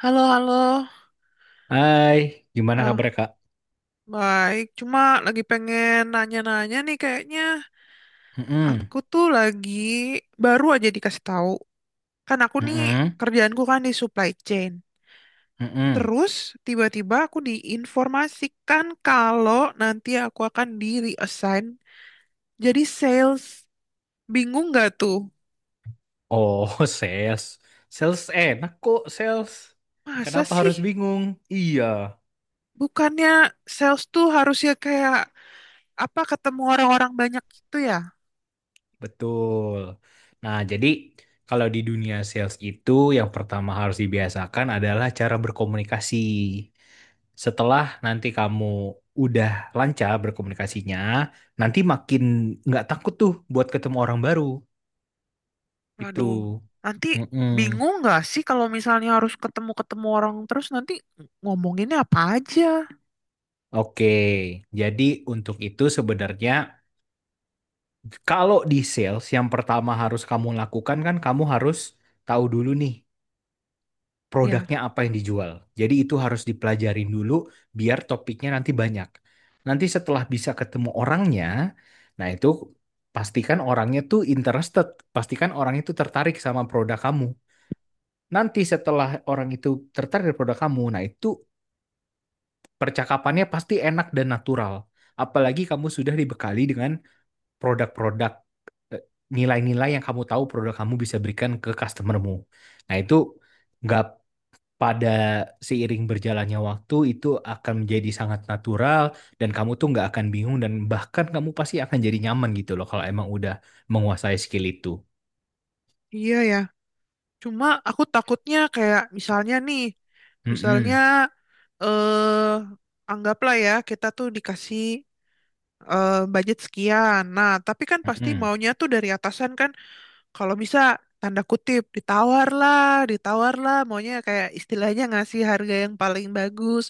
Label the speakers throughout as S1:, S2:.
S1: Halo, halo.
S2: Hai, gimana kabar
S1: Ah,
S2: Kak?
S1: Baik. Cuma lagi pengen nanya-nanya nih kayaknya.
S2: Mm-mm,
S1: Aku tuh lagi baru aja dikasih tahu. Kan aku nih
S2: mm-mm,
S1: kerjaanku kan di supply chain.
S2: mm-mm.
S1: Terus tiba-tiba aku diinformasikan kalau nanti aku akan di reassign jadi sales. Bingung nggak tuh?
S2: Oh, sales. Sales enak kok, sales.
S1: Masa
S2: Kenapa
S1: sih?
S2: harus bingung? Iya,
S1: Bukannya sales tuh harusnya kayak apa ketemu orang-orang banyak gitu ya?
S2: betul. Nah, jadi kalau di dunia sales itu yang pertama harus dibiasakan adalah cara berkomunikasi. Setelah nanti kamu udah lancar berkomunikasinya, nanti makin nggak takut tuh buat ketemu orang baru. Itu.
S1: Waduh, nanti bingung nggak sih kalau misalnya harus ketemu-ketemu orang terus nanti ngomonginnya apa aja?
S2: Oke, jadi untuk itu sebenarnya kalau di sales yang pertama harus kamu lakukan kan kamu harus tahu dulu nih
S1: Ya,
S2: produknya apa yang dijual. Jadi itu harus dipelajarin dulu biar topiknya nanti banyak. Nanti setelah bisa ketemu orangnya, nah itu pastikan orangnya tuh interested, pastikan orang itu tertarik sama produk kamu. Nanti setelah orang itu tertarik dengan produk kamu, nah itu percakapannya pasti enak dan natural. Apalagi kamu sudah dibekali dengan produk-produk eh, nilai-nilai yang kamu tahu produk kamu bisa berikan ke customermu. Nah, itu nggak pada seiring berjalannya waktu itu akan menjadi sangat natural dan kamu tuh nggak akan bingung dan bahkan kamu pasti akan jadi nyaman gitu loh kalau emang udah menguasai skill itu.
S1: iya ya. Cuma aku takutnya kayak misalnya nih, misalnya
S2: Mm-mm.
S1: anggaplah ya kita tuh dikasih budget sekian. Nah, tapi kan pasti
S2: Mm-mm.
S1: maunya tuh dari atasan kan, kalau bisa tanda kutip ditawar lah, maunya kayak istilahnya ngasih harga yang paling bagus.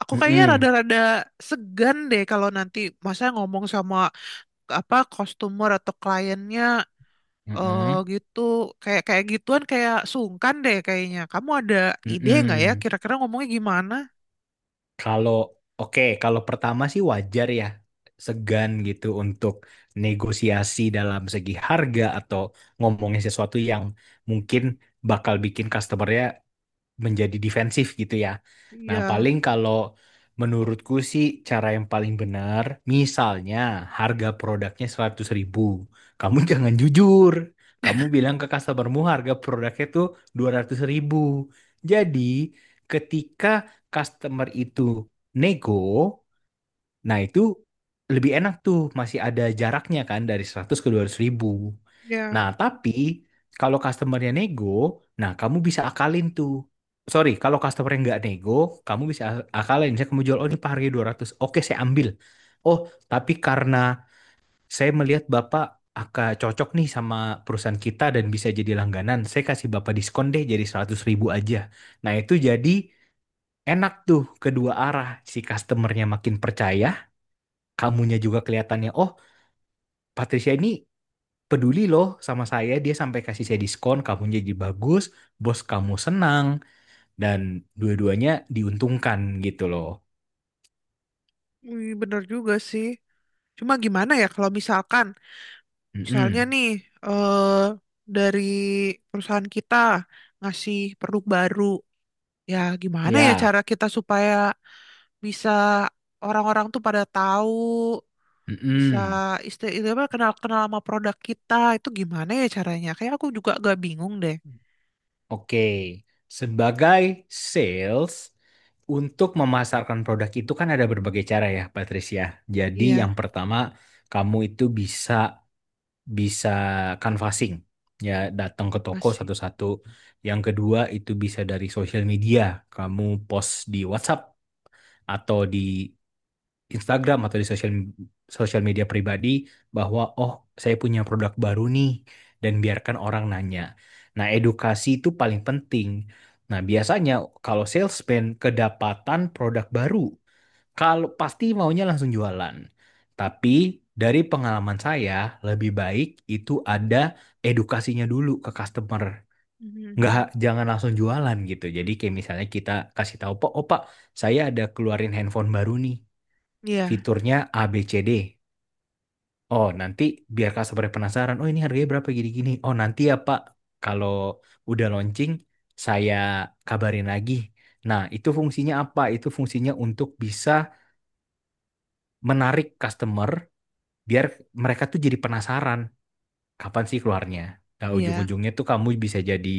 S1: Aku kayaknya
S2: Mm-mm.
S1: rada-rada segan deh kalau nanti masa ngomong sama apa customer atau kliennya
S2: Mm-mm.
S1: gitu, kayak kayak gituan, kayak sungkan deh kayaknya. Kamu ada ide nggak ya
S2: Mm-mm.
S1: kira-kira ngomongnya gimana?
S2: Kalau oke, kalau pertama sih wajar ya segan gitu untuk negosiasi dalam segi harga atau ngomongin sesuatu yang mungkin bakal bikin customernya menjadi defensif gitu ya. Nah,
S1: Iya,
S2: paling kalau menurutku sih cara yang paling benar, misalnya harga produknya seratus ribu. Kamu jangan jujur. Kamu bilang ke customermu harga produknya tuh 200.000 ribu. Jadi, ketika customer itu nego, nah, itu lebih enak tuh, masih ada jaraknya kan dari 100 ke 200.000.
S1: ya,
S2: Nah, tapi kalau customernya nego, nah kamu bisa akalin tuh. Sorry, kalau customernya nggak nego, kamu bisa akalin. Misalnya kamu jual, oh ini harga ratus oke saya ambil. Oh, tapi karena saya melihat Bapak akan cocok nih sama perusahaan kita dan bisa jadi langganan, saya kasih Bapak diskon deh jadi 100.000 aja. Nah, itu jadi enak tuh kedua arah. Si customernya makin percaya, kamunya juga kelihatannya oh Patricia ini peduli loh sama saya dia sampai kasih saya diskon kamunya jadi bagus bos kamu senang dan dua-duanya diuntungkan gitu loh.
S1: bener juga sih. Cuma gimana ya kalau misalkan, misalnya
S2: Mm-mm.
S1: nih eh dari perusahaan kita ngasih produk baru, ya gimana ya
S2: Ya.
S1: cara kita supaya bisa orang-orang tuh pada tahu, bisa
S2: Mm-mm.
S1: itu apa kenal-kenal sama produk kita itu gimana ya caranya? Kayak aku juga gak bingung deh.
S2: Oke, sebagai sales untuk memasarkan produk itu kan ada berbagai cara ya Patricia, jadi yang
S1: Iya,
S2: pertama kamu itu bisa bisa canvassing ya datang ke
S1: apa
S2: toko
S1: sih?
S2: satu-satu, yang kedua itu bisa dari sosial media. Kamu post di WhatsApp atau di Instagram atau di sosial sosial media pribadi bahwa oh saya punya produk baru nih dan biarkan orang nanya. Nah, edukasi itu paling penting. Nah, biasanya kalau salesman kedapatan produk baru, kalau pasti maunya langsung jualan. Tapi dari pengalaman saya, lebih baik itu ada edukasinya dulu ke customer. Nggak,
S1: Mhm.
S2: jangan langsung jualan gitu. Jadi kayak misalnya kita kasih tahu, Pak, oh Pak, saya ada keluarin handphone baru nih.
S1: Iya,
S2: Fiturnya ABCD. Oh, nanti biar customer penasaran, oh ini harganya berapa gini-gini. Oh, nanti ya Pak, kalau udah launching, saya kabarin lagi. Nah, itu fungsinya apa? Itu fungsinya untuk bisa menarik customer biar mereka tuh jadi penasaran kapan sih keluarnya. Nah,
S1: iya.
S2: ujung-ujungnya tuh kamu bisa jadi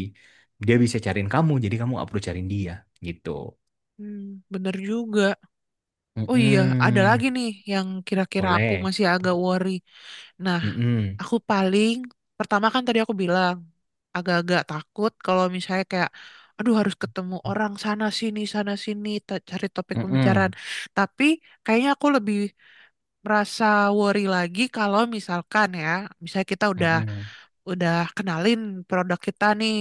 S2: dia bisa cariin kamu, jadi kamu nggak perlu cariin dia gitu.
S1: Hmm, bener juga. Oh iya, ada
S2: Mm-mm.
S1: lagi nih yang kira-kira aku
S2: Boleh.
S1: masih agak worry. Nah,
S2: Mm-mm.
S1: aku paling pertama kan tadi aku bilang agak-agak takut kalau misalnya kayak aduh harus ketemu orang sana sini cari topik pembicaraan.
S2: Mm-mm.
S1: Tapi kayaknya aku lebih merasa worry lagi kalau misalkan ya, misalnya kita udah
S2: Mm-mm.
S1: udah kenalin produk kita nih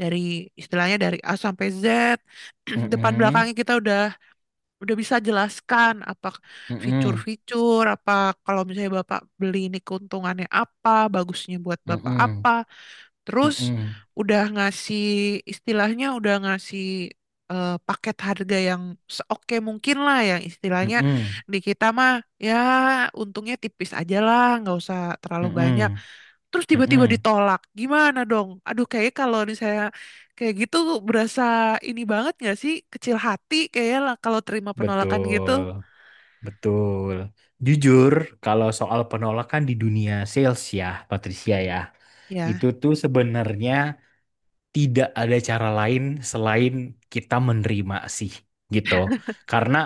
S1: dari istilahnya dari A sampai Z, depan
S2: Mm-mm.
S1: belakangnya kita udah bisa jelaskan apa
S2: Mm-mm.
S1: fitur-fitur, apa kalau misalnya Bapak beli ini keuntungannya apa, bagusnya buat Bapak
S2: Mm-mm.
S1: apa. Terus
S2: Mm-mm.
S1: udah ngasih istilahnya udah ngasih paket harga yang seoke mungkin lah, yang istilahnya
S2: Mm-mm.
S1: di kita mah ya untungnya tipis aja lah, nggak usah terlalu banyak,
S2: Mm-mm.
S1: terus tiba-tiba
S2: Mm-mm.
S1: ditolak gimana dong, aduh, kayak kalau misalnya kayak gitu berasa ini banget gak sih, kecil hati kayak lah kalau terima penolakan gitu.
S2: Betul, betul. Jujur, kalau soal penolakan di dunia sales ya, Patricia ya,
S1: Ya,
S2: itu tuh sebenarnya tidak ada cara lain selain kita menerima sih gitu. Karena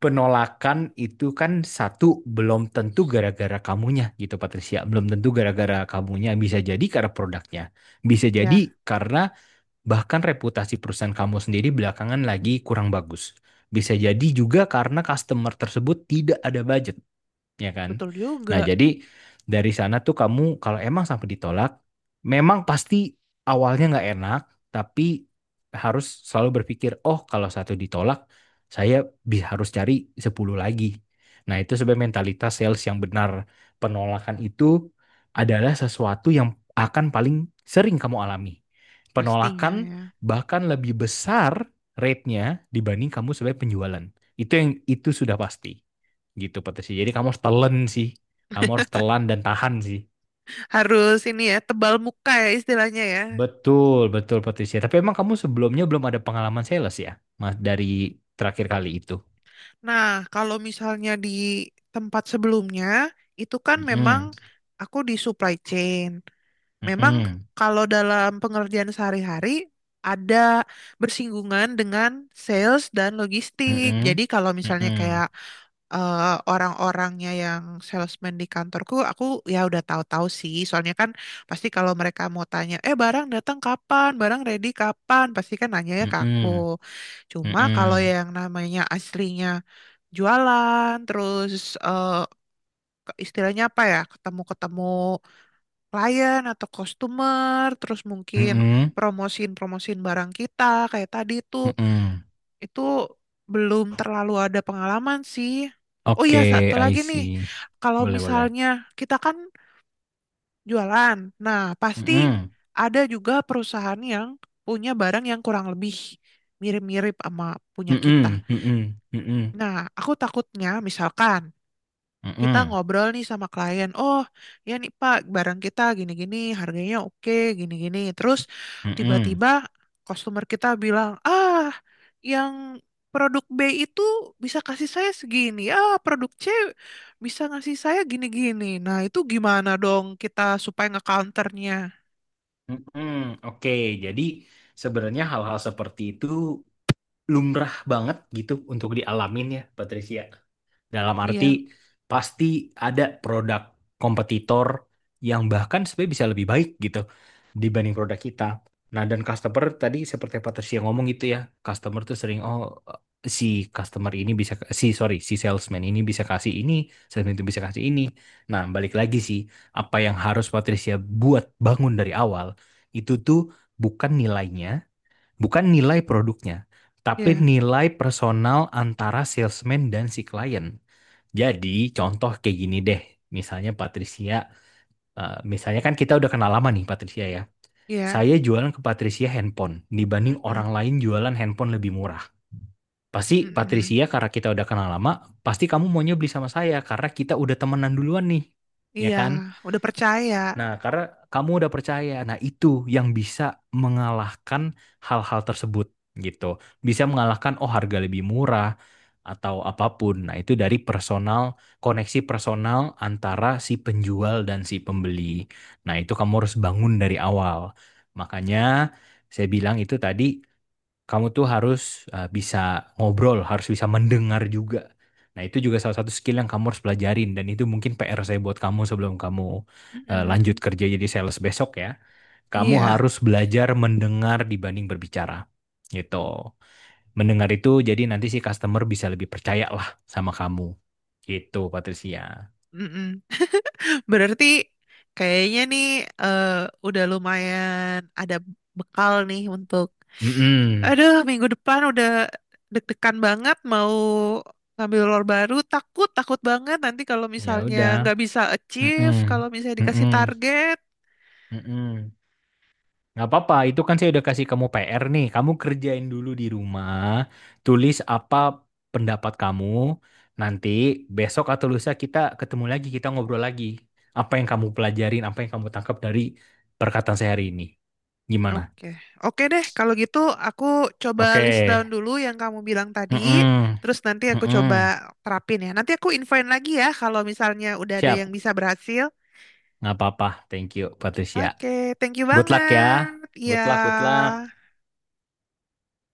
S2: penolakan itu kan satu belum tentu gara-gara kamunya gitu Patricia, belum tentu gara-gara kamunya bisa jadi karena produknya, bisa jadi
S1: ya,
S2: karena bahkan reputasi perusahaan kamu sendiri belakangan lagi kurang bagus. Bisa jadi juga karena customer tersebut tidak ada budget, ya kan?
S1: betul
S2: Nah,
S1: juga.
S2: jadi dari sana tuh kamu kalau emang sampai ditolak, memang pasti awalnya nggak enak, tapi harus selalu berpikir, oh kalau satu ditolak, saya harus cari 10 lagi. Nah, itu sebenarnya mentalitas sales yang benar. Penolakan itu adalah sesuatu yang akan paling sering kamu alami.
S1: Pastinya
S2: Penolakan
S1: ya,
S2: bahkan lebih besar rate-nya dibanding kamu sebagai penjualan. Itu yang itu sudah pasti gitu Patricia. Jadi kamu harus telan sih. Kamu harus telan dan tahan sih.
S1: harus ini ya, tebal muka ya istilahnya ya.
S2: Betul, betul Patricia. Tapi emang kamu sebelumnya belum ada pengalaman sales ya? Mas dari terakhir kali itu.
S1: Nah, kalau misalnya di tempat sebelumnya itu kan memang
S2: Mm-mm,
S1: aku di supply chain. Memang
S2: mm-mm,
S1: kalau dalam pengerjaan sehari-hari ada bersinggungan dengan sales dan logistik. Jadi
S2: mm-mm,
S1: kalau misalnya
S2: mm-mm,
S1: kayak eh, orang-orangnya yang salesman di kantorku, aku ya udah tahu-tahu sih. Soalnya kan pasti kalau mereka mau tanya, eh barang datang kapan, barang ready kapan, pasti kan nanyanya ke aku.
S2: mm-mm,
S1: Cuma kalau
S2: mm-mm,
S1: yang namanya aslinya jualan, terus eh, istilahnya apa ya, ketemu-ketemu klien atau customer, terus mungkin
S2: mm-mm,
S1: promosiin-promosiin barang kita kayak tadi tuh.
S2: mm-mm.
S1: Itu belum terlalu ada pengalaman sih. Oh iya,
S2: Oke,
S1: satu
S2: I
S1: lagi nih.
S2: see.
S1: Kalau
S2: Boleh, boleh.
S1: misalnya kita kan jualan, nah pasti
S2: Mm-mm,
S1: ada juga perusahaan yang punya barang yang kurang lebih mirip-mirip sama punya kita.
S2: mm-mm, mm-mm, mm-mm,
S1: Nah, aku takutnya misalkan kita
S2: mm-mm,
S1: ngobrol nih sama klien, oh ya nih Pak, barang kita gini-gini, harganya oke, gini-gini. Terus
S2: mm-mm,
S1: tiba-tiba customer kita bilang, ah yang produk B itu bisa kasih saya segini, ah produk C bisa ngasih saya gini-gini. Nah itu gimana dong kita supaya ngecounternya?
S2: mm-mm. Oke, jadi sebenarnya hal-hal seperti itu lumrah banget gitu untuk dialamin ya, Patricia. Dalam arti
S1: Iya,
S2: pasti ada produk kompetitor yang bahkan sebenarnya bisa lebih baik gitu dibanding produk kita. Nah, dan customer tadi seperti Patricia ngomong gitu ya, customer tuh sering oh si customer ini bisa, si, sorry, si salesman ini bisa kasih ini, salesman itu bisa kasih ini. Nah, balik lagi sih apa yang harus Patricia buat bangun dari awal itu tuh bukan nilainya, bukan nilai produknya, tapi
S1: iya,
S2: nilai personal antara salesman dan si klien. Jadi, contoh kayak gini deh. Misalnya Patricia, misalnya kan kita udah kenal lama nih Patricia ya.
S1: iya.
S2: Saya jualan ke Patricia handphone dibanding orang
S1: Mm-mm,
S2: lain jualan handphone lebih murah. Pasti
S1: mm-mm.
S2: Patricia karena kita udah kenal lama, pasti kamu maunya beli sama saya karena kita udah temenan duluan nih. Ya
S1: Iya,
S2: kan?
S1: udah percaya.
S2: Nah, karena kamu udah percaya, nah itu yang bisa mengalahkan hal-hal tersebut gitu. Bisa mengalahkan oh harga lebih murah atau apapun. Nah, itu dari personal, koneksi personal antara si penjual dan si pembeli. Nah, itu kamu harus bangun dari awal. Makanya saya bilang itu tadi, kamu tuh harus bisa ngobrol, harus bisa mendengar juga. Nah, itu juga salah satu skill yang kamu harus pelajarin dan itu mungkin PR saya buat kamu sebelum kamu lanjut
S1: Mm-mm.
S2: kerja jadi sales besok ya. Kamu
S1: Iya,
S2: harus belajar mendengar dibanding berbicara. Gitu. Mendengar itu jadi nanti si customer bisa lebih percaya lah sama kamu. Gitu, Patricia.
S1: mm-mm. Berarti kayaknya nih eh, udah lumayan ada bekal nih untuk,
S2: Mm-mm.
S1: aduh, minggu depan udah deg-degan banget mau ngambil lor baru, takut takut banget nanti kalau
S2: Ya
S1: misalnya
S2: udah.
S1: nggak bisa achieve
S2: Mm-mm.
S1: kalau misalnya dikasih
S2: Mm-mm.
S1: target.
S2: Mm-mm. Nggak apa-apa, itu kan saya udah kasih kamu PR nih. Kamu kerjain dulu di rumah, tulis apa pendapat kamu. Nanti besok atau lusa kita ketemu lagi, kita ngobrol lagi. Apa yang kamu pelajarin, apa yang kamu tangkap dari perkataan saya hari ini. Gimana?
S1: Oke, oke deh kalau gitu aku coba
S2: Oke.
S1: list down dulu yang kamu bilang tadi,
S2: Mm-mm.
S1: terus nanti aku coba
S2: Mm-mm.
S1: terapin ya. Nanti aku infoin lagi ya kalau misalnya udah ada yang
S2: Siap.
S1: bisa berhasil.
S2: Nggak apa-apa. Thank you, Patricia.
S1: Oke, thank you
S2: Good luck ya.
S1: banget. Ya.
S2: Good luck, good luck.